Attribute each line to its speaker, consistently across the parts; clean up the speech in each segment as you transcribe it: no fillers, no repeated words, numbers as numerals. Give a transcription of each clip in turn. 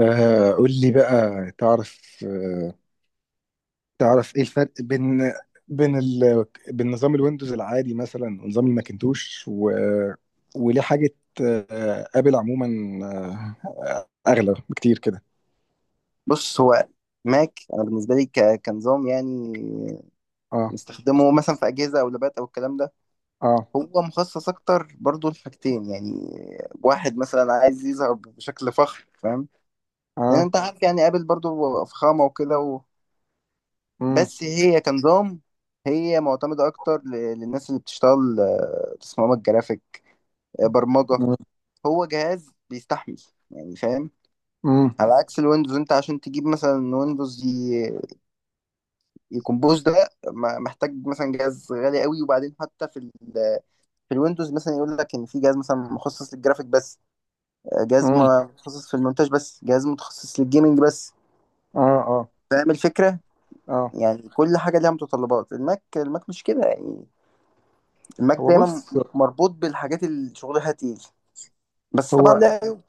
Speaker 1: قول لي بقى. تعرف آه تعرف ايه الفرق بين نظام الويندوز العادي مثلا ونظام الماكنتوش وليه حاجة؟ ابل عموما آه اغلى بكتير كده.
Speaker 2: بص. هو ماك، انا بالنسبه لي كنظام يعني
Speaker 1: اه.
Speaker 2: نستخدمه مثلا في اجهزه او لابات او الكلام ده.
Speaker 1: اه.
Speaker 2: هو مخصص اكتر برضو لحاجتين يعني: واحد مثلا عايز يظهر بشكل فخم، فاهم، لان
Speaker 1: اه.
Speaker 2: انت عارف يعني ابل برضو فخامه وكده
Speaker 1: امم.
Speaker 2: بس هي كنظام، هي معتمده اكتر للناس اللي بتشتغل تصميمات جرافيك، برمجه.
Speaker 1: امم.
Speaker 2: هو جهاز بيستحمل يعني، فاهم.
Speaker 1: امم.
Speaker 2: على عكس الويندوز انت عشان تجيب مثلا ويندوز، الكمبوز ده محتاج مثلا جهاز غالي قوي، وبعدين حتى في ال، في الويندوز مثلا يقول لك ان في جهاز مثلا مخصص للجرافيك بس، جهاز
Speaker 1: امم.
Speaker 2: متخصص في المونتاج بس، جهاز متخصص للجيمنج بس.
Speaker 1: اه. اه.
Speaker 2: فاهم الفكرة؟
Speaker 1: اه.
Speaker 2: يعني كل حاجة ليها متطلبات. الماك الماك مش كده يعني. الماك
Speaker 1: هو
Speaker 2: دايما
Speaker 1: بص
Speaker 2: مربوط بالحاجات اللي شغلها تقيل، بس طبعا
Speaker 1: هو
Speaker 2: لها عيوب.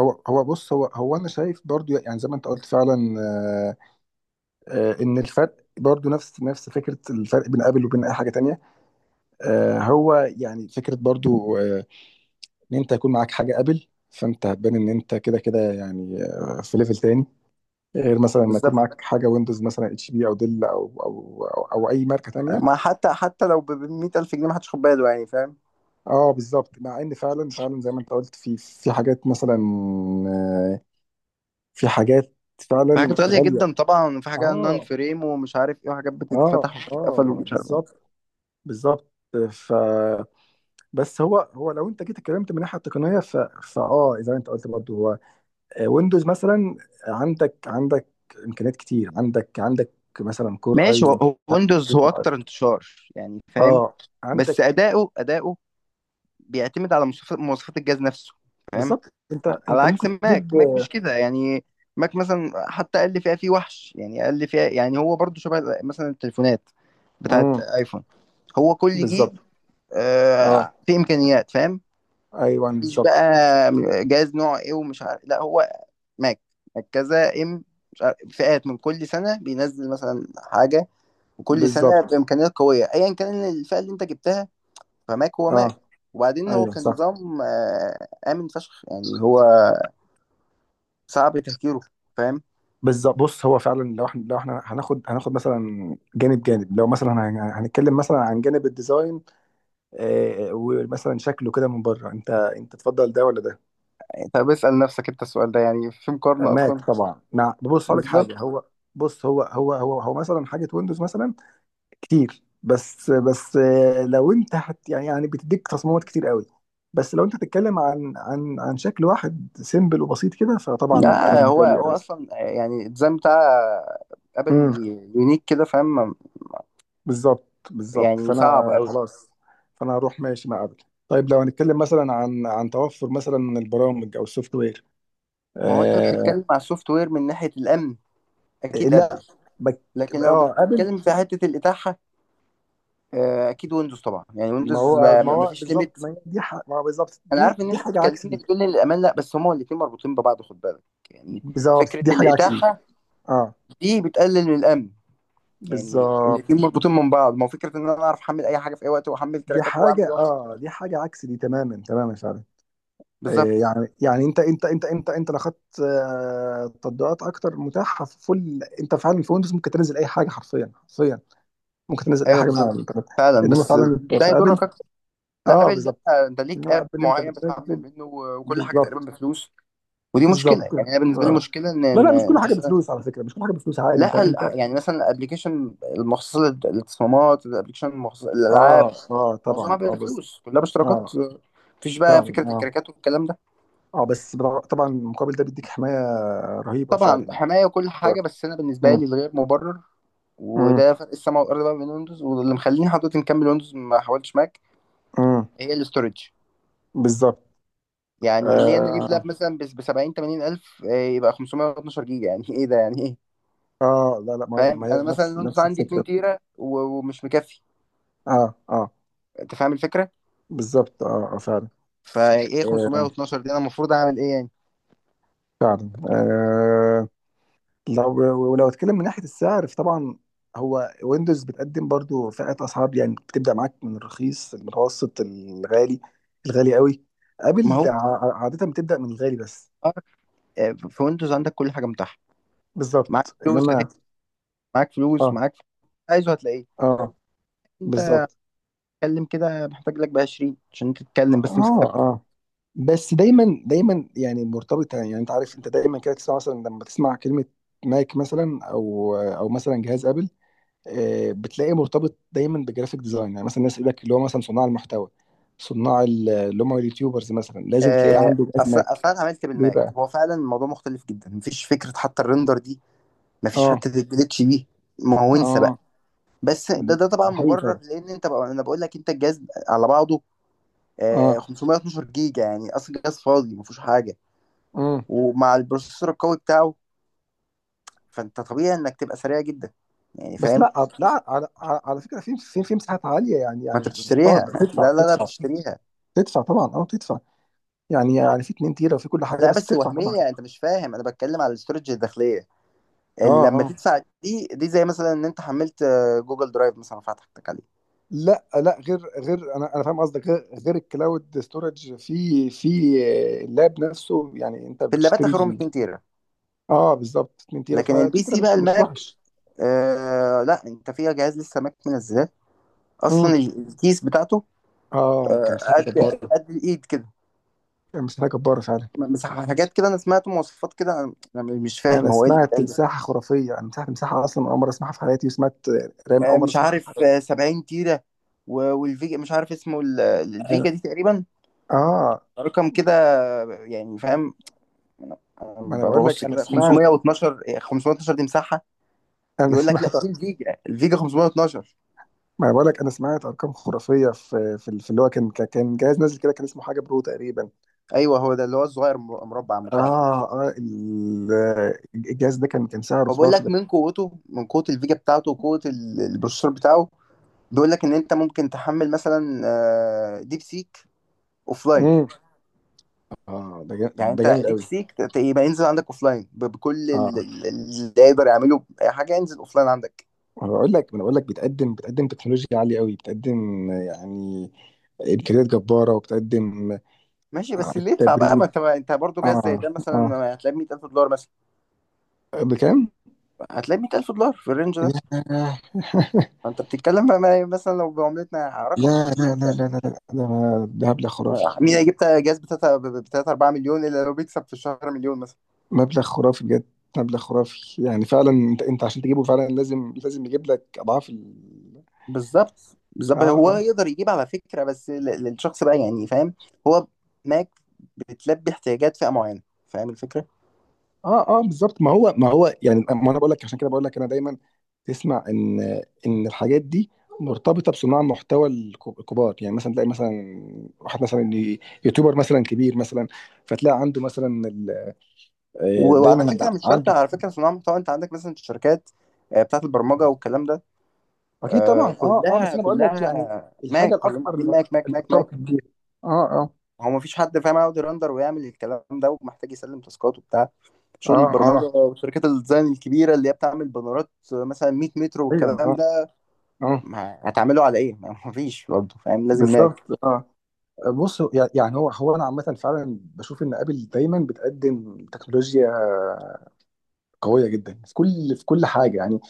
Speaker 1: هو بص، هو انا شايف برضو، يعني زي ما انت قلت فعلا. ان الفرق برضو نفس فكرة الفرق بين ابل وبين اي حاجة تانية. هو يعني فكرة برضو، ان انت يكون معاك حاجة ابل فانت هتبان ان انت كده كده، يعني في ليفل تاني. غير مثلا لما يكون
Speaker 2: بالظبط،
Speaker 1: معاك حاجة ويندوز، مثلا اتش بي او ديل أو اي ماركة تانية.
Speaker 2: ما حتى لو ب 100,000 جنيه، ما حدش خد باله، يعني فاهم.
Speaker 1: اه، بالظبط. مع ان فعلا فعلا زي ما انت قلت، في حاجات مثلا، آه، في حاجات
Speaker 2: في
Speaker 1: فعلا
Speaker 2: حاجات غالية
Speaker 1: غالية.
Speaker 2: جدا طبعا، في حاجة نان
Speaker 1: اه.
Speaker 2: فريم ومش عارف ايه، وحاجات
Speaker 1: اه.
Speaker 2: بتتفتح وبتتقفل
Speaker 1: اه،
Speaker 2: ومش عارف.
Speaker 1: بالظبط. بالظبط. ف بس هو، لو انت جيت اتكلمت من الناحيه التقنيه، ف... فاه زي ما انت قلت برضه. هو ويندوز مثلا عندك امكانيات كتير، عندك مثلا كور اي.
Speaker 2: ماشي. هو ويندوز هو
Speaker 1: كور اي
Speaker 2: اكتر انتشار، يعني فاهم،
Speaker 1: اه
Speaker 2: بس
Speaker 1: عندك.
Speaker 2: اداؤه بيعتمد على مواصفات الجهاز نفسه، فاهم.
Speaker 1: بالظبط. انت
Speaker 2: على
Speaker 1: انت ممكن
Speaker 2: عكس ماك
Speaker 1: تجيب.
Speaker 2: ماك مش كده يعني. ماك مثلا حتى اقل فئه فيه وحش، يعني اقل فئه، يعني هو برضو شبه مثلا التليفونات بتاعت
Speaker 1: امم.
Speaker 2: ايفون. هو كل جيل
Speaker 1: بالظبط. اه.
Speaker 2: فيه امكانيات، فاهم.
Speaker 1: ايوه،
Speaker 2: مفيش
Speaker 1: بالظبط.
Speaker 2: بقى جهاز نوع ايه ومش عارف، لا. هو ماك، ماك كذا ام مش عارف، فئات. من كل سنه بينزل مثلا حاجه، وكل سنه
Speaker 1: بالظبط.
Speaker 2: بامكانيات قويه ايا كان الفئه اللي انت جبتها. فماك هو
Speaker 1: اه.
Speaker 2: ماك. وبعدين هو
Speaker 1: ايوه،
Speaker 2: كان
Speaker 1: صح.
Speaker 2: نظام امن فشخ، يعني هو صعب تهكيره، فاهم.
Speaker 1: بالظبط. بص، هو فعلا لو احنا هناخد مثلا جانب، لو مثلا هنتكلم مثلا عن جانب الديزاين، ومثلا شكله كده من بره. انت تفضل ده ولا ده؟
Speaker 2: طب اسال نفسك انت السؤال ده، يعني في مقارنه
Speaker 1: ماك
Speaker 2: اصلا؟
Speaker 1: طبعا. بص، هقول لك
Speaker 2: بالظبط.
Speaker 1: حاجه. هو بص هو هو هو هو مثلا حاجه ويندوز، مثلا كتير. بس، لو انت يعني بتديك تصميمات كتير قوي. بس لو انت هتتكلم عن شكل واحد سيمبل وبسيط كده، فطبعا انا
Speaker 2: لا، هو
Speaker 1: بالنسبه لي.
Speaker 2: هو اصلا يعني الديزاين بتاع ابل
Speaker 1: امم.
Speaker 2: يونيك كده، فاهم،
Speaker 1: بالظبط. بالظبط.
Speaker 2: يعني صعب
Speaker 1: فانا
Speaker 2: قوي.
Speaker 1: خلاص، فانا هروح ماشي مع ابل. طيب، لو هنتكلم مثلا عن توفر مثلا البرامج او السوفت وير،
Speaker 2: ما هو انت
Speaker 1: آه.
Speaker 2: بتتكلم على السوفت وير من ناحيه الامن، اكيد
Speaker 1: لا.
Speaker 2: ابل.
Speaker 1: بك
Speaker 2: لكن لو
Speaker 1: اه ابل.
Speaker 2: بتتكلم في حته الاتاحه، اكيد ويندوز طبعا، يعني
Speaker 1: ما
Speaker 2: ويندوز
Speaker 1: هو،
Speaker 2: ما
Speaker 1: ما
Speaker 2: ما
Speaker 1: هو
Speaker 2: فيش
Speaker 1: بالظبط،
Speaker 2: ليميت.
Speaker 1: ما هي دي ما هو بالظبط.
Speaker 2: انا
Speaker 1: دي
Speaker 2: عارف ان
Speaker 1: دي
Speaker 2: انت
Speaker 1: حاجة عكس
Speaker 2: بتكلمني
Speaker 1: دي.
Speaker 2: بتقول لي الامان، لا بس هما الاتنين مربوطين ببعض، خد بالك يعني.
Speaker 1: بالظبط،
Speaker 2: فكره
Speaker 1: دي حاجة عكس دي.
Speaker 2: الاتاحه
Speaker 1: اه،
Speaker 2: دي بتقلل من الامن، يعني الاتنين
Speaker 1: بالظبط.
Speaker 2: مربوطين من بعض. ما هو فكره ان انا اعرف احمل اي حاجه في اي وقت، واحمل تراكات، واعمل إيه واعمل إيه.
Speaker 1: دي حاجة عكس دي تماما تماما فعلا. آه
Speaker 2: بالظبط.
Speaker 1: يعني انت لو خدت تطبيقات اكتر متاحة في فل، انت فعلا في ويندوز ممكن تنزل اي حاجة، حرفيا حرفيا ممكن تنزل اي
Speaker 2: ايوه
Speaker 1: حاجة من على
Speaker 2: بالظبط
Speaker 1: الانترنت.
Speaker 2: فعلا،
Speaker 1: انما
Speaker 2: بس
Speaker 1: فعلا في
Speaker 2: ده يضرك
Speaker 1: ابل.
Speaker 2: اكتر. لا
Speaker 1: اه،
Speaker 2: ابل لا،
Speaker 1: بالظبط.
Speaker 2: انت ليك
Speaker 1: انما
Speaker 2: اب
Speaker 1: ابل انت
Speaker 2: معين بتحمل
Speaker 1: بتنزل.
Speaker 2: منه، وكل حاجه تقريبا
Speaker 1: بالظبط.
Speaker 2: بفلوس. ودي مشكله
Speaker 1: بالظبط.
Speaker 2: يعني، انا بالنسبه لي
Speaker 1: آه.
Speaker 2: مشكله، ان
Speaker 1: لا، لا، مش كل
Speaker 2: إن
Speaker 1: حاجة
Speaker 2: مثلا،
Speaker 1: بفلوس على فكرة، مش كل حاجة بفلوس عادي. انت
Speaker 2: لا
Speaker 1: انت
Speaker 2: يعني مثلا الابلكيشن المخصص للتصميمات، الابلكيشن المخصص للالعاب،
Speaker 1: اه. اه،
Speaker 2: معظمها
Speaker 1: طبعا. اه بس.
Speaker 2: بفلوس، كلها باشتراكات.
Speaker 1: اه،
Speaker 2: مفيش بقى
Speaker 1: فعلا.
Speaker 2: فكره
Speaker 1: اه.
Speaker 2: الكراكات والكلام ده.
Speaker 1: اه، بس طبعا المقابل ده بيديك حماية رهيبة فعلا
Speaker 2: طبعا
Speaker 1: يعني.
Speaker 2: حمايه وكل حاجه، بس انا بالنسبه
Speaker 1: مم.
Speaker 2: لي الغير مبرر،
Speaker 1: مم.
Speaker 2: وده فرق السماء والارض بقى بين ويندوز، واللي مخليني حضرتك نكمل ويندوز ما حاولتش ماك،
Speaker 1: مم.
Speaker 2: هي الاستورج.
Speaker 1: بالظبط.
Speaker 2: يعني ليه انا اجيب لاب
Speaker 1: آه,
Speaker 2: مثلا ب 70 80 الف يبقى 512 جيجا؟ يعني ايه ده، يعني ايه؟
Speaker 1: اه. لا لا، ما
Speaker 2: فاهم؟
Speaker 1: هي
Speaker 2: انا مثلا
Speaker 1: نفس
Speaker 2: الويندوز
Speaker 1: نفس
Speaker 2: عندي
Speaker 1: الفكرة.
Speaker 2: 2 تيرا ومش مكفي،
Speaker 1: اه. اه،
Speaker 2: انت فاهم الفكره.
Speaker 1: بالظبط. اه. اه، فعلا.
Speaker 2: فايه
Speaker 1: آه،
Speaker 2: 512 دي؟ انا المفروض اعمل ايه يعني؟
Speaker 1: فعلا. لو، ولو اتكلم من ناحيه السعر، فطبعا هو ويندوز بتقدم برضو فئات اسعار، يعني بتبدا معاك من الرخيص، المتوسط، الغالي، الغالي قوي.
Speaker 2: ما
Speaker 1: ابل
Speaker 2: هو
Speaker 1: عاده بتبدا من الغالي بس.
Speaker 2: في ويندوز عندك كل حاجه متاحه. معاك
Speaker 1: بالظبط.
Speaker 2: فلوس
Speaker 1: انما
Speaker 2: معاك فلوس،
Speaker 1: اه.
Speaker 2: معاك فلوس. عايزه هتلاقيه.
Speaker 1: اه،
Speaker 2: انت
Speaker 1: بالظبط.
Speaker 2: اتكلم كده، محتاج لك ب 20 عشان تتكلم، بس امسك لاب.
Speaker 1: اه. اه، بس دايما دايما يعني مرتبطه، يعني انت عارف، انت دايما كده تسمع مثلا، لما تسمع كلمه ماك مثلا، او مثلا جهاز ابل، بتلاقيه مرتبط دايما بجرافيك ديزاين. يعني مثلا الناس يقول لك، اللي هو مثلا صناع المحتوى، صناع اللي هم اليوتيوبرز، مثلا لازم تلاقي عنده جهاز
Speaker 2: اصل
Speaker 1: ماك.
Speaker 2: اصل انا عملت
Speaker 1: ليه
Speaker 2: بالماك،
Speaker 1: بقى؟
Speaker 2: هو فعلا الموضوع مختلف جدا. مفيش فكره حتى الريندر دي، مفيش
Speaker 1: اه.
Speaker 2: حته الجليتش دي. ما هو انسى بقى.
Speaker 1: اه،
Speaker 2: بس
Speaker 1: ده
Speaker 2: ده ده طبعا
Speaker 1: ده حقيقي
Speaker 2: مبرر،
Speaker 1: فعلا.
Speaker 2: لان انت بقى، انا بقول لك، انت الجهاز على بعضه
Speaker 1: اه.
Speaker 2: 512 جيجا، يعني اصل الجهاز فاضي مفيهوش حاجه،
Speaker 1: امم.
Speaker 2: ومع البروسيسور القوي بتاعه، فانت طبيعي انك تبقى سريع جدا، يعني
Speaker 1: بس
Speaker 2: فاهم.
Speaker 1: لا، على فكره، في في مساحات عاليه يعني،
Speaker 2: ما
Speaker 1: يعني
Speaker 2: انت
Speaker 1: بس طبعا
Speaker 2: بتشتريها
Speaker 1: بتدفع.
Speaker 2: لا لا لا،
Speaker 1: تدفع.
Speaker 2: بتشتريها.
Speaker 1: تدفع طبعا. اه، تدفع. يعني يعني في 2 تيرا وفي كل حاجه،
Speaker 2: لا
Speaker 1: بس
Speaker 2: بس
Speaker 1: بتدفع طبعا.
Speaker 2: وهميه، انت مش فاهم، انا بتكلم على الاستورج الداخليه.
Speaker 1: اه.
Speaker 2: لما
Speaker 1: اه.
Speaker 2: تدفع، دي دي زي مثلا ان انت حملت جوجل درايف مثلا فتحتك عليه.
Speaker 1: لا لا، غير غير انا فاهم قصدك. غير الكلاود ستورج، في اللاب نفسه. يعني انت
Speaker 2: في اللابات
Speaker 1: بتشتري
Speaker 2: اخرهم 2 تيرا.
Speaker 1: اه، بالظبط. 2 تيرا، ف
Speaker 2: لكن البي
Speaker 1: 2 تيرا
Speaker 2: سي بقى،
Speaker 1: مش
Speaker 2: الماك،
Speaker 1: وحش.
Speaker 2: آه لا، انت فيها جهاز لسه ماك منزلاه
Speaker 1: امم.
Speaker 2: اصلا، الكيس بتاعته
Speaker 1: اه، كان
Speaker 2: آه
Speaker 1: مساحه
Speaker 2: قد
Speaker 1: جباره.
Speaker 2: قد الايد كده.
Speaker 1: كان مساحه جباره فعلا.
Speaker 2: مساحه حاجات كده، انا سمعت مواصفات كده، انا مش
Speaker 1: انا
Speaker 2: فاهم هو ايه اللي
Speaker 1: سمعت
Speaker 2: بيتقال ده.
Speaker 1: مساحه خرافيه. انا سمعت مساحه، اصلا اول مره اسمعها في حياتي، وسمعت رام اول مره
Speaker 2: مش
Speaker 1: اسمعها في
Speaker 2: عارف،
Speaker 1: حياتي.
Speaker 2: 70 تيرة، والفيجا مش عارف اسمه،
Speaker 1: أنا-
Speaker 2: الفيجا دي تقريبا
Speaker 1: اه.
Speaker 2: رقم كده، يعني فاهم.
Speaker 1: ما انا بقول لك،
Speaker 2: ببص
Speaker 1: انا
Speaker 2: كده
Speaker 1: سمعت.
Speaker 2: 512، 512 دي مساحة؟
Speaker 1: انا
Speaker 2: يقول لك لا،
Speaker 1: سمعت.
Speaker 2: دي الفيجا، الفيجا 512.
Speaker 1: ما انا بقول لك، انا سمعت ارقام خرافيه في اللي هو، كان كان جهاز نازل كده، كان اسمه حاجه برو تقريبا.
Speaker 2: ايوه، هو ده اللي هو الصغير مربع مكعب ده.
Speaker 1: اه. الجهاز ده، كان كان سعره
Speaker 2: فبقول
Speaker 1: خرافي
Speaker 2: لك
Speaker 1: ده.
Speaker 2: من قوته، من قوة الفيجا بتاعته وقوة البروسيسور بتاعه، بيقول لك ان انت ممكن تحمل مثلا ديب سيك، اوف.
Speaker 1: امم. اه، ده
Speaker 2: يعني
Speaker 1: ده
Speaker 2: انت
Speaker 1: جامد
Speaker 2: ديب
Speaker 1: قوي.
Speaker 2: سيك يبقى ينزل عندك اوفلاين، بكل ال،
Speaker 1: اه،
Speaker 2: ال، اللي يقدر يعمله اي حاجه ينزل اوفلاين عندك.
Speaker 1: انا بقول لك، انا بقول لك بتقدم، بتقدم تكنولوجيا عاليه قوي، بتقدم يعني امكانيات جباره، وبتقدم
Speaker 2: ماشي، بس اللي يدفع بقى.
Speaker 1: تبريد.
Speaker 2: ما انت برضه جهاز زي
Speaker 1: اه.
Speaker 2: ده مثلا،
Speaker 1: اه.
Speaker 2: ما هتلاقي 100,000 دولار مثلا؟
Speaker 1: بكام؟
Speaker 2: هتلاقي 100,000 دولار في الرينج ده.
Speaker 1: ياه.
Speaker 2: فانت بتتكلم بقى مثلا لو بعملتنا رقم
Speaker 1: لا
Speaker 2: كبير
Speaker 1: لا لا
Speaker 2: جدا،
Speaker 1: لا لا. لا، ده ده مبلغ خرافي.
Speaker 2: مين هيجيب جهاز ب 3 4 مليون، الا لو بيكسب في الشهر مليون مثلا؟
Speaker 1: مبلغ خرافي بجد. مبلغ خرافي يعني. فعلا انت، عشان تجيبه فعلا لازم، لازم يجيب لك اضعاف ال...
Speaker 2: بالظبط، بالظبط.
Speaker 1: اه.
Speaker 2: هو
Speaker 1: اه.
Speaker 2: يقدر يجيب على فكره، بس للشخص بقى، يعني فاهم. هو ماك بتلبي احتياجات فئه معينه، فاهم الفكره.
Speaker 1: اه. اه، بالظبط. ما هو، ما هو يعني، ما انا بقول لك، عشان كده بقول لك. انا دايما تسمع ان، ان الحاجات دي مرتبطه بصناع محتوى الكبار. يعني مثلا تلاقي مثلا واحد مثلا يوتيوبر مثلا كبير مثلا، فتلاقي عنده مثلا
Speaker 2: وعلى
Speaker 1: دايما
Speaker 2: فكره مش شرط
Speaker 1: عنده.
Speaker 2: على فكره صناع محتوى، انت عندك مثلا الشركات بتاعت البرمجه والكلام ده،
Speaker 1: اكيد طبعا. اه. اه، بس
Speaker 2: كلها
Speaker 1: انا بقول لك يعني
Speaker 2: كلها
Speaker 1: الحاجه
Speaker 2: ماك، كلهم
Speaker 1: الاكثر
Speaker 2: قاعدين
Speaker 1: اللي
Speaker 2: ماك ماك ماك ماك.
Speaker 1: ارتبطت بيها. اه. اه.
Speaker 2: هو ما فيش حد فاهم يقعد يرندر ويعمل الكلام ده، ومحتاج يسلم تاسكات وبتاع، شغل
Speaker 1: اه.
Speaker 2: البرمجه
Speaker 1: اه.
Speaker 2: وشركات الديزاين الكبيره اللي هي بتعمل بانرات مثلا 100 متر
Speaker 1: ايوه.
Speaker 2: والكلام
Speaker 1: اه.
Speaker 2: ده،
Speaker 1: اه،
Speaker 2: ما هتعمله على ايه؟ ما فيش برضه فاهم، لازم
Speaker 1: بالظبط.
Speaker 2: ماك.
Speaker 1: اه. بص، يعني هو انا عامه فعلا بشوف ان ابل دايما بتقدم تكنولوجيا قويه جدا في كل، في كل حاجه يعني.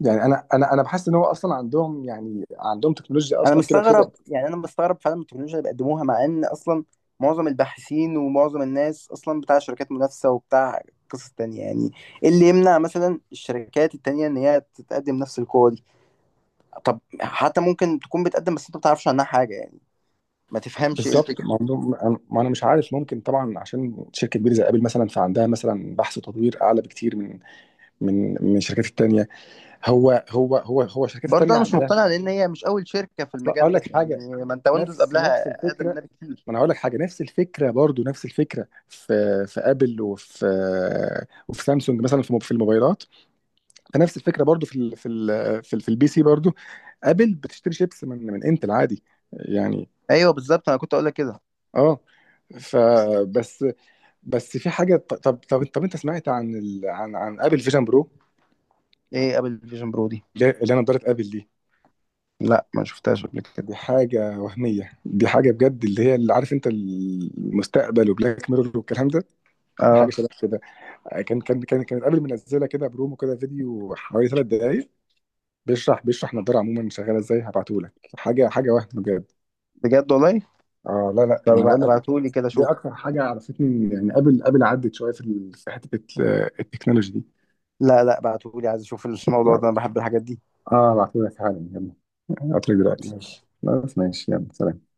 Speaker 1: يعني انا بحس ان هو اصلا عندهم، يعني عندهم تكنولوجيا
Speaker 2: انا
Speaker 1: اصلا كده
Speaker 2: مستغرب،
Speaker 1: كده.
Speaker 2: يعني انا مستغرب فعلا من التكنولوجيا اللي بيقدموها، مع ان اصلا معظم الباحثين ومعظم الناس اصلا بتاع شركات منافسه وبتاع قصص تانية يعني. ايه اللي يمنع مثلا الشركات التانية ان هي تتقدم نفس القوة دي؟ طب حتى ممكن تكون بتقدم، بس انت ما بتعرفش عنها حاجة، يعني ما تفهمش ايه
Speaker 1: بالظبط.
Speaker 2: الفكرة.
Speaker 1: ما عندهم. ما انا مش عارف. ممكن طبعا، عشان شركه كبيره زي ابل، مثلا فعندها مثلا بحث وتطوير اعلى بكتير من، الشركات التانيه. هو هو هو هو الشركات
Speaker 2: برضه
Speaker 1: التانيه
Speaker 2: انا مش
Speaker 1: عندها
Speaker 2: مقتنع، لان هي مش اول شركة في
Speaker 1: اصلا.
Speaker 2: المجال
Speaker 1: اقول
Speaker 2: ده
Speaker 1: لك
Speaker 2: يعني،
Speaker 1: حاجه،
Speaker 2: ما انت ويندوز
Speaker 1: نفس
Speaker 2: قبلها اقدم
Speaker 1: الفكره.
Speaker 2: منها بكتير.
Speaker 1: ما انا هقول لك حاجه، نفس الفكره برضو، نفس الفكره في، في ابل وفي، سامسونج مثلا في، في الموبايلات. فنفس الفكره برضو في ال، في ال، في البي سي برضو. ابل بتشتري شيبس من انتل عادي يعني.
Speaker 2: ايوه بالظبط، انا كنت اقول لك كده.
Speaker 1: اه، فبس. بس في حاجه، ط- طب طب طب انت سمعت عن ال، عن ابل فيجن برو؟
Speaker 2: ايه ابل فيجن برو دي؟
Speaker 1: اللي هي، اللي انا نضاره ابل دي.
Speaker 2: لا، ما شفتهاش قبل كده.
Speaker 1: دي حاجه وهميه، دي حاجه بجد. اللي هي، اللي، عارف انت، المستقبل وبلاك ميرور والكلام ده. دي حاجه
Speaker 2: اه،
Speaker 1: شبه كده. كانت ابل منزله كده برومو كده، فيديو حوالي 3 دقائق، بيشرح نضاره عموما شغاله ازاي. هبعته لك حاجه، حاجه وهم بجد.
Speaker 2: بجد والله؟
Speaker 1: اه. لا لا يعني
Speaker 2: طب
Speaker 1: انا بقول لك،
Speaker 2: ابعتهولي كده
Speaker 1: دي
Speaker 2: شوف.
Speaker 1: اكتر حاجه عرفتني يعني، قبل قبل عدت شويه في في حته التكنولوجي دي.
Speaker 2: لا لا، بعتهولي، عايز اشوف الموضوع ده، انا بحب الحاجات دي.
Speaker 1: اه، بعتهولك حالا. يلا، هبعتلك دلوقتي.
Speaker 2: ماشي.
Speaker 1: خلاص، ماشي. يلا، سلام.